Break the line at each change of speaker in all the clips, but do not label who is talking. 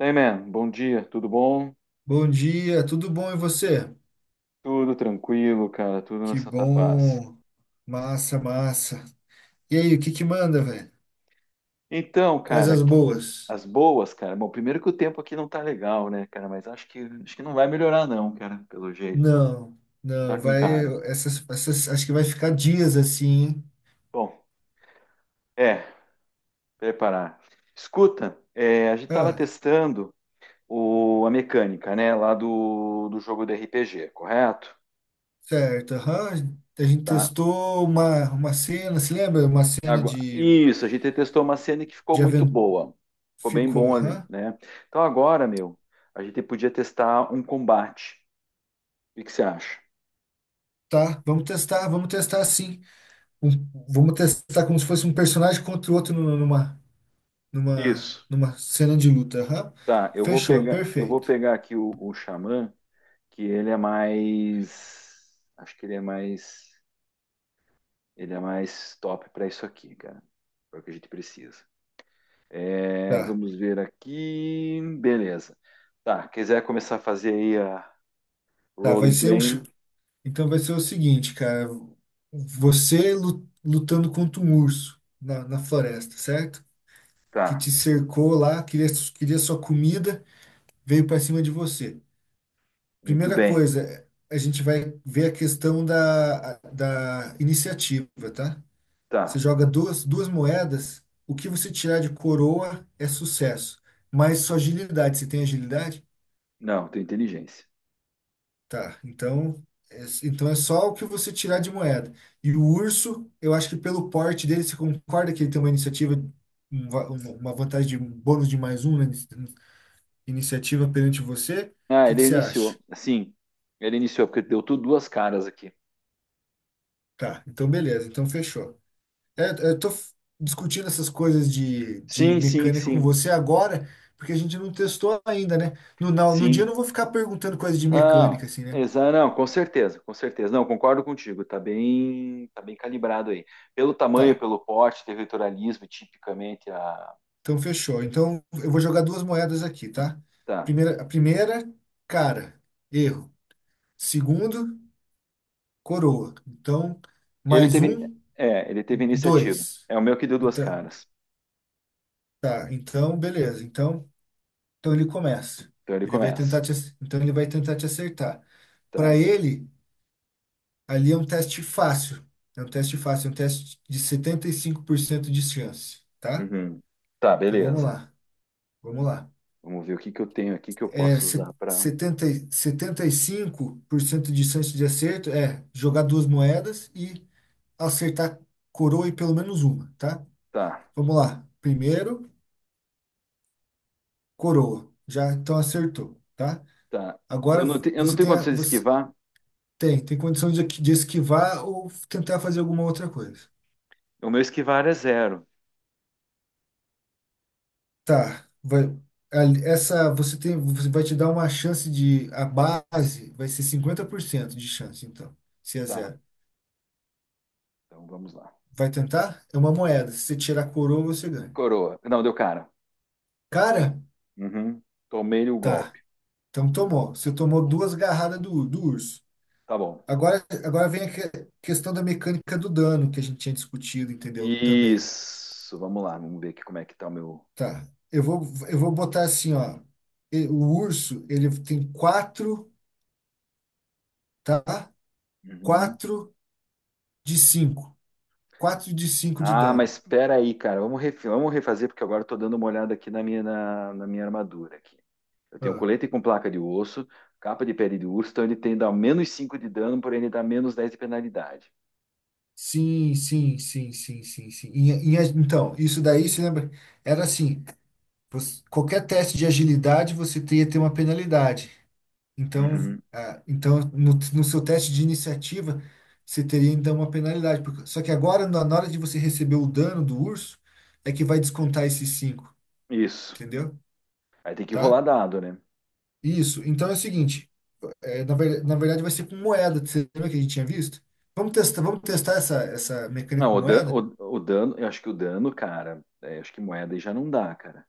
Hey man, bom dia, tudo bom?
Bom dia, tudo bom e você?
Tudo tranquilo, cara, tudo na
Que
Santa Paz.
bom, massa, massa. E aí, o que que manda, velho?
Então,
Quais
cara,
as boas?
as boas, cara. Bom, primeiro que o tempo aqui não tá legal, né, cara, mas acho que não vai melhorar não, cara, pelo jeito.
Não,
Tá
não,
com
vai,
cara.
essas, acho que vai ficar dias assim, hein?
Bom, é, preparar. Escuta, a gente tava
Ah,
testando a mecânica, né, lá do jogo do RPG, correto?
certo, aham. A gente
Tá?
testou uma cena, se lembra? Uma cena de,
Isso, a gente testou uma cena que ficou
de
muito
aventura.
boa. Ficou bem
Ficou,
bom ali,
aham.
né? Então agora, meu, a gente podia testar um combate. O que que você acha?
Tá, vamos testar sim. Um- Vamos testar como se fosse um personagem contra o outro numa, numa,
Isso.
numa cena de luta. Aham.
Tá, eu vou
Fechou,
pegar, eu vou
perfeito.
pegar aqui o Xamã, que ele é mais. Acho que ele é mais. Ele é mais top para isso aqui, cara. É o que a gente precisa. É,
Tá,
vamos ver aqui. Beleza. Tá, quiser começar a fazer aí a
tá, vai
Rolling
ser um. Ch-
Plane?
Então vai ser o seguinte, cara. Você lutando contra um urso na floresta, certo? Que
Tá,
te cercou lá, queria sua comida, veio para cima de você.
muito
Primeira
bem.
coisa, a gente vai ver a questão da iniciativa, tá? Você
Tá.
joga duas moedas, o que você tirar de coroa é sucesso, mas sua agilidade, você tem agilidade?
Não, tem inteligência.
Tá, então, então é só o que você tirar de moeda. E o urso, eu acho que pelo porte dele, você concorda que ele tem uma iniciativa, uma vantagem de um bônus de mais um na iniciativa perante você? O
Ah,
que que
ele
você acha?
iniciou. Sim, ele iniciou, porque deu tudo duas caras aqui.
Tá, então beleza, então fechou. É, eu tô discutindo essas coisas de
Sim, sim,
mecânica com
sim,
você agora, porque a gente não testou ainda, né? No dia eu não
sim.
vou ficar perguntando coisas de
Não,
mecânica, assim, né?
exa não, com certeza, com certeza. Não, concordo contigo, tá bem, calibrado aí. Pelo tamanho,
Tá.
pelo porte, territorialismo, tipicamente a.
Então, fechou. Então, eu vou jogar duas moedas aqui, tá?
Tá.
A primeira, cara, erro. Segundo, coroa. Então,
Ele
mais
teve,
um,
ele teve iniciativa.
dois.
É o meu que deu duas
Então,
caras.
tá, então, beleza. então, ele começa.
Então ele
Ele vai tentar
começa.
te, ac- então ele vai tentar te acertar. Para
Tá.
ele, ali é um teste fácil. É um teste fácil, é um teste de 75% de chance, tá?
Uhum. Tá,
Então, vamos
beleza.
lá. Vamos lá.
Vamos ver o que que eu tenho aqui que eu
é,
posso
se-
usar para.
70, e- setenta e cinco por cento de chance de acerto é jogar duas moedas e acertar coroa e pelo menos uma, tá?
Tá.
Vamos lá. Primeiro, coroa. Já então acertou, tá?
Tá. Eu
Agora
não, te- eu não
você
tenho
tem a-
condições de
você
esquivar.
tem, tem condição de esquivar ou tentar fazer alguma outra coisa.
O meu esquivar é zero.
Tá, essa você tem você vai te dar uma chance, de a base vai ser 50% de chance então, se é
Tá.
zero.
Então vamos lá.
Vai tentar? É uma moeda. Se você tirar a coroa, você ganha.
Coroa. Não, deu cara.
Cara,
Uhum. Tomei o
tá.
golpe.
Então tomou. Você tomou duas garradas do urso.
Tá bom.
Agora vem a questão da mecânica do dano que a gente tinha discutido, entendeu? Também.
Isso. Vamos lá. Vamos ver aqui como é que tá o meu.
Tá. Eu vou botar assim, ó. O urso, ele tem quatro, tá?
Uhum.
Quatro de cinco. Quatro de cinco de
Ah, mas
dano.
espera aí, cara. Vamos refazer, porque agora eu tô dando uma olhada aqui na minha armadura aqui. Eu tenho um
Ah.
colete com placa de osso, capa de pele de urso, então ele tem dá menos 5 de dano, porém ele dá menos 10 de penalidade.
Sim, sim, sim, sim, sim, sim. Então, isso daí, você lembra? Era assim. Qualquer teste de agilidade você teria que ter uma penalidade. Então,
Uhum.
então no seu teste de iniciativa, você teria então uma penalidade. Só que agora, na hora de você receber o dano do urso, é que vai descontar esses cinco,
Isso.
entendeu?
Aí tem que rolar
Tá?
dado, né?
Isso. Então é o seguinte, na verdade vai ser com moeda. Você lembra que a gente tinha visto? Vamos testar essa mecânica
Não,
com
o, dan,
moeda?
o, o dano, eu acho que o dano, cara, acho que moeda aí já não dá, cara.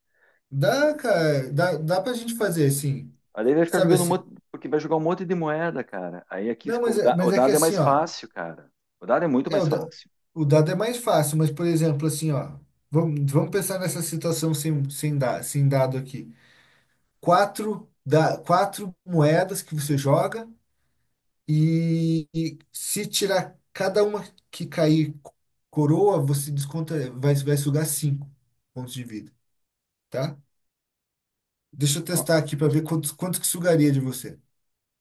Dá,
Eu-
cara, dá pra gente fazer assim.
Aí daí vai ficar
Sabe
jogando um
assim?
monte, porque vai jogar um monte de moeda, cara. Aí aqui
Não,
esco-
mas
o
é,
da- o
mas é que
dado é
assim,
mais
ó.
fácil, cara. O dado é muito
É, o,
mais
da-
fácil.
o dado é mais fácil, mas, por exemplo, assim, ó, vamos pensar nessa situação sem dado aqui. Quatro moedas que você joga e se tirar cada uma que cair coroa, você desconta, vai sugar cinco pontos de vida, tá? Deixa eu
Ó,
testar aqui para ver quanto que sugaria de você.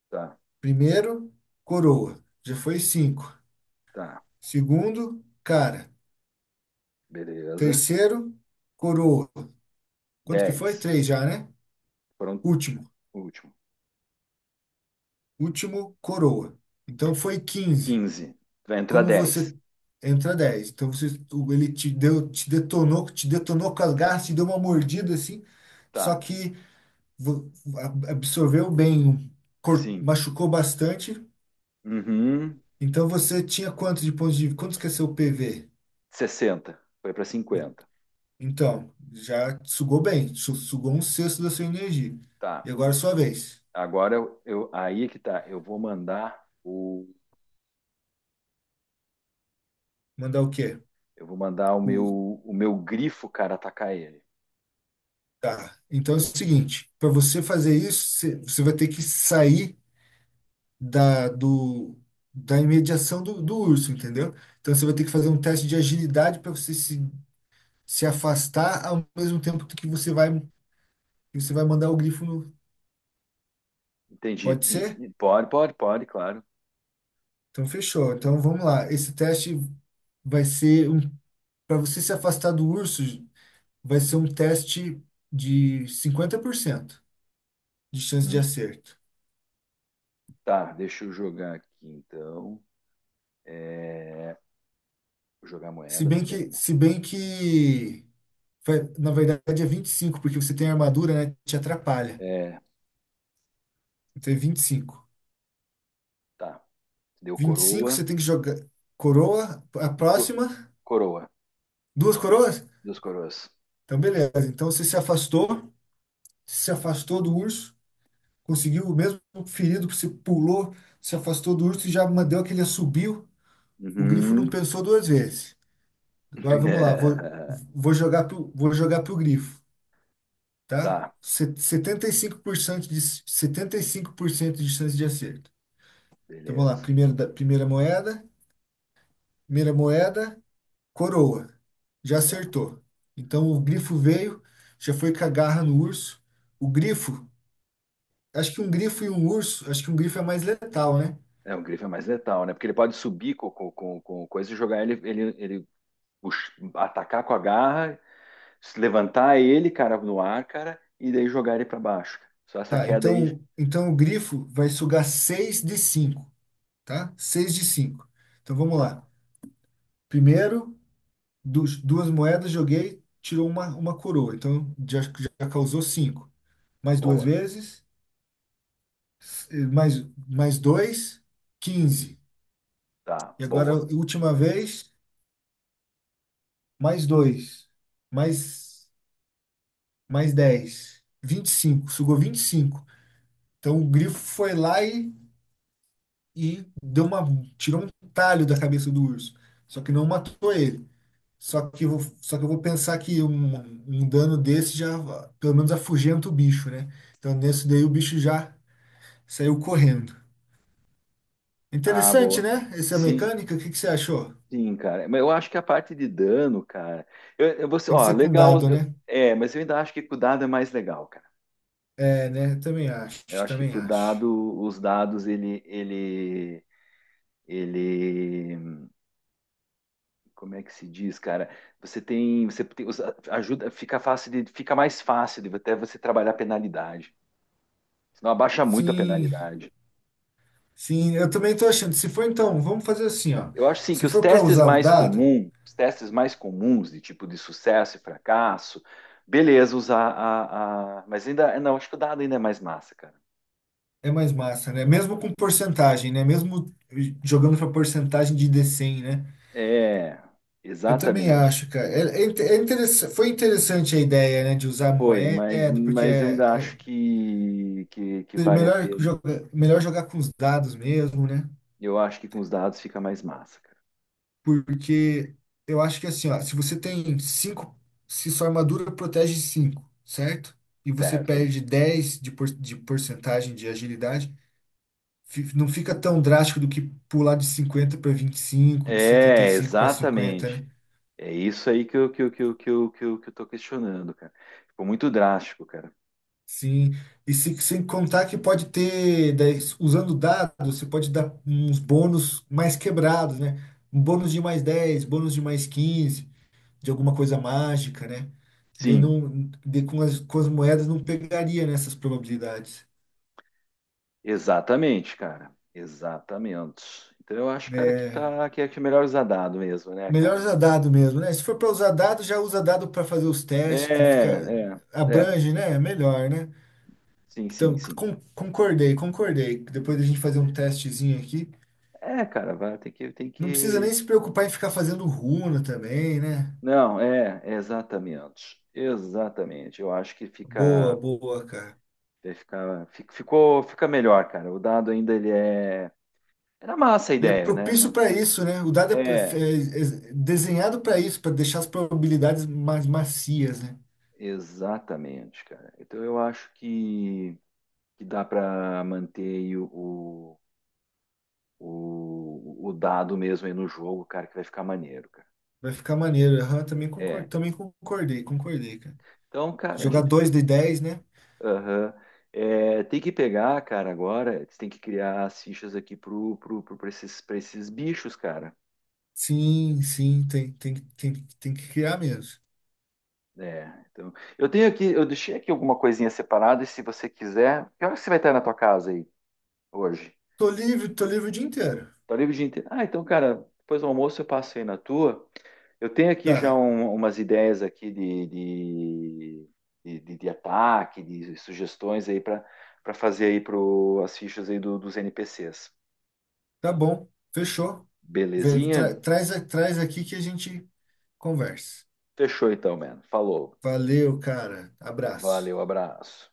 tá,
Primeiro, coroa, já foi cinco.
tá.
Segundo, cara.
Beleza.
Terceiro, coroa. Quanto que foi?
10.
Três já, né?
Pronto,
Último.
o último.
Último, coroa. Então foi 15.
15. Vai entrar
Como você
10.
entra 10. Então você, ele te deu, te detonou com as garras, te deu uma mordida assim, só
Tá.
que vo- absorveu bem,
Sim.
machucou bastante.
Uhum.
Então você tinha quanto de pontos de vida? Quanto que é seu PV?
60. Foi para
En-
50.
Então, já sugou bem, sugou um sexto da sua energia. E
Tá.
agora é sua vez.
Agora aí é que tá. Eu vou mandar o
Mandar o quê?
Eu vou mandar
O
o meu grifo, cara, atacar ele.
Tá. Então é o seguinte, para você fazer isso, você vai ter que sair da, do, da imediação do urso, entendeu? Então você vai ter que fazer um teste de agilidade para você se afastar ao mesmo tempo que você vai mandar o grifo no.
Entendi.
Pode ser?
Pode, pode, pode, claro.
Então fechou. Então vamos lá. Esse teste vai ser um. Para você se afastar do urso, vai ser um teste de 50% de chance de
Hum,
acerto.
Tá, deixa eu jogar aqui então. É, Vou jogar a
Se
moeda, a
bem
primeira
que,
moeda.
se bem que na verdade é 25 porque você tem armadura, né? Te atrapalha.
É,
Então é vinte e cinco.
tá. Deu
Vinte e cinco você
coroa
tem que jogar coroa, a
e co-
próxima,
coroa.
duas coroas?
Duas coroas.
Então beleza. Então você se afastou, se afastou do urso, conseguiu o mesmo ferido que você pulou, se afastou do urso e já mandou aquele assobio. O grifo não
Uhum.
pensou duas vezes. Agora vamos lá, vou,
É,
vou jogar pro, vou jogar pro grifo, tá?
Tá,
Setenta e cinco por cento de, 75% de chance de acerto. Então vamos lá,
beleza.
primeiro da, primeira moeda, coroa. Já
Tá.
acertou. Então o grifo veio, já foi com a garra no urso. O grifo, acho que um grifo e um urso, acho que um grifo é mais letal, né?
É, o grifo é mais letal, né? Porque ele pode subir com coisa e jogar ele, atacar com a garra. Se levantar ele, cara, no ar, cara, e daí jogar ele pra baixo. Só essa
Tá,
queda aí.
então o grifo vai sugar 6 de cinco, tá? Seis de cinco. Então vamos
Tá,
lá. Primeiro, du duas moedas, joguei, tirou uma coroa. Então já causou cinco. Mais duas
boa.
vezes, s- eh, mais, mais dois,
Uhum.
15.
Tá,
E agora,
boa.
última vez, mais dois, mais, mais dez, 25, sugou 25. Então o grifo foi lá e tirou um talho da cabeça do urso. Só que não matou ele. Só que eu vou pensar que um dano desse já, pelo menos, afugenta o bicho, né? Então nesse daí o bicho já saiu correndo.
Ah,
Interessante,
boa.
né? Essa
Sim,
mecânica, o que que você achou?
sim, cara. Mas eu acho que a parte de dano, cara.
Tem que
Ó,
ser com
legal.
dado, né?
Mas eu ainda acho que com o dado é mais legal, cara.
É, né? Também acho,
Eu acho que
também
com o
acho.
dado, os dados, ele, como é que se diz, cara? Você tem, ajuda, fica mais fácil de até você trabalhar a penalidade. Senão abaixa muito a
Sim,
penalidade.
sim, eu também tô achando. Se for então, vamos fazer assim, ó.
Eu acho sim que
Se
os
for para
testes
usar o
mais
dado,
comuns, os testes mais comuns de tipo de sucesso e fracasso, beleza, usar mas ainda. Não, acho que o dado ainda é mais massa, cara.
é mais massa, né? Mesmo com porcentagem, né? Mesmo jogando para porcentagem de D100, né?
É,
Eu também
exatamente.
acho, cara. Foi interessante a ideia, né, de usar
Foi, mas,
moeda, porque
mas eu ainda
é
acho que vale a
melhor
pena.
jogar, melhor jogar com os dados mesmo, né?
Eu acho que com os dados fica mais massa, cara.
Porque eu acho que assim, ó, se você tem cinco, se sua armadura protege cinco, certo? E você
Certo?
perde 10 de porcentagem de agilidade, não fica tão drástico do que pular de 50 para 25, de setenta e
É,
cinco para 50,
exatamente.
né?
É isso aí que eu, que eu, que eu, que eu, que eu, que eu tô questionando, cara. Ficou muito drástico, cara.
Sim. E se, sem contar que pode ter, daí, usando dados, você pode dar uns bônus mais quebrados, né? Um bônus de +10, bônus de +15 de alguma coisa mágica, né? Daí
Sim.
não, daí com as moedas não pegaria nessas probabilidades.
Exatamente, cara. Exatamente. Então eu acho, cara,
É,
que é melhor usar dado mesmo, né,
melhor
cara?
usar dado mesmo, né? Se for para usar dado, já usa dado para fazer os
É,
testes, que fica,
é, é.
abrange, né? é melhor, né?
Sim, sim,
Então,
sim.
concordei, concordei. Depois da gente fazer um testezinho aqui.
É, cara, vai ter que tem
Não precisa
que
nem se preocupar em ficar fazendo runa também, né?
Não, é exatamente. Exatamente. Eu acho que
Boa,
fica
boa, cara.
vai ficar fi- ficou fica melhor, cara. O dado ainda ele é era massa a
Ele é
ideia,
propício
né?
para isso, né? O dado é,
É,
é- é desenhado para isso, para deixar as probabilidades mais macias, né?
exatamente, cara. Então eu acho que dá para manter aí o dado mesmo aí no jogo, cara, que vai ficar maneiro, cara.
Vai ficar maneiro. Aham, também concor-
É.
também concordei, concordei, cara.
Então, cara, a
Jogar
gente.
2 de 10, né?
Aham. É, tem que pegar, cara, agora. Você tem que criar as fichas aqui pra esses, pra esses bichos, cara.
Sim, sim, tem que criar mesmo.
É, então, eu tenho aqui, eu deixei aqui alguma coisinha separada, e se você quiser, que hora que você vai estar na tua casa aí hoje?
Tô livre o dia inteiro.
Tá livre o dia inteiro. Ah, então, cara, depois do almoço eu passo aí na tua. Eu tenho aqui já
Tá.
umas ideias aqui de ataque, de sugestões aí para fazer aí as fichas aí dos NPCs.
Tá bom, fechou. Vem,
Belezinha?
traz aqui que a gente conversa.
Fechou então, mano. Falou.
Valeu, cara. Abraço.
Valeu, abraço.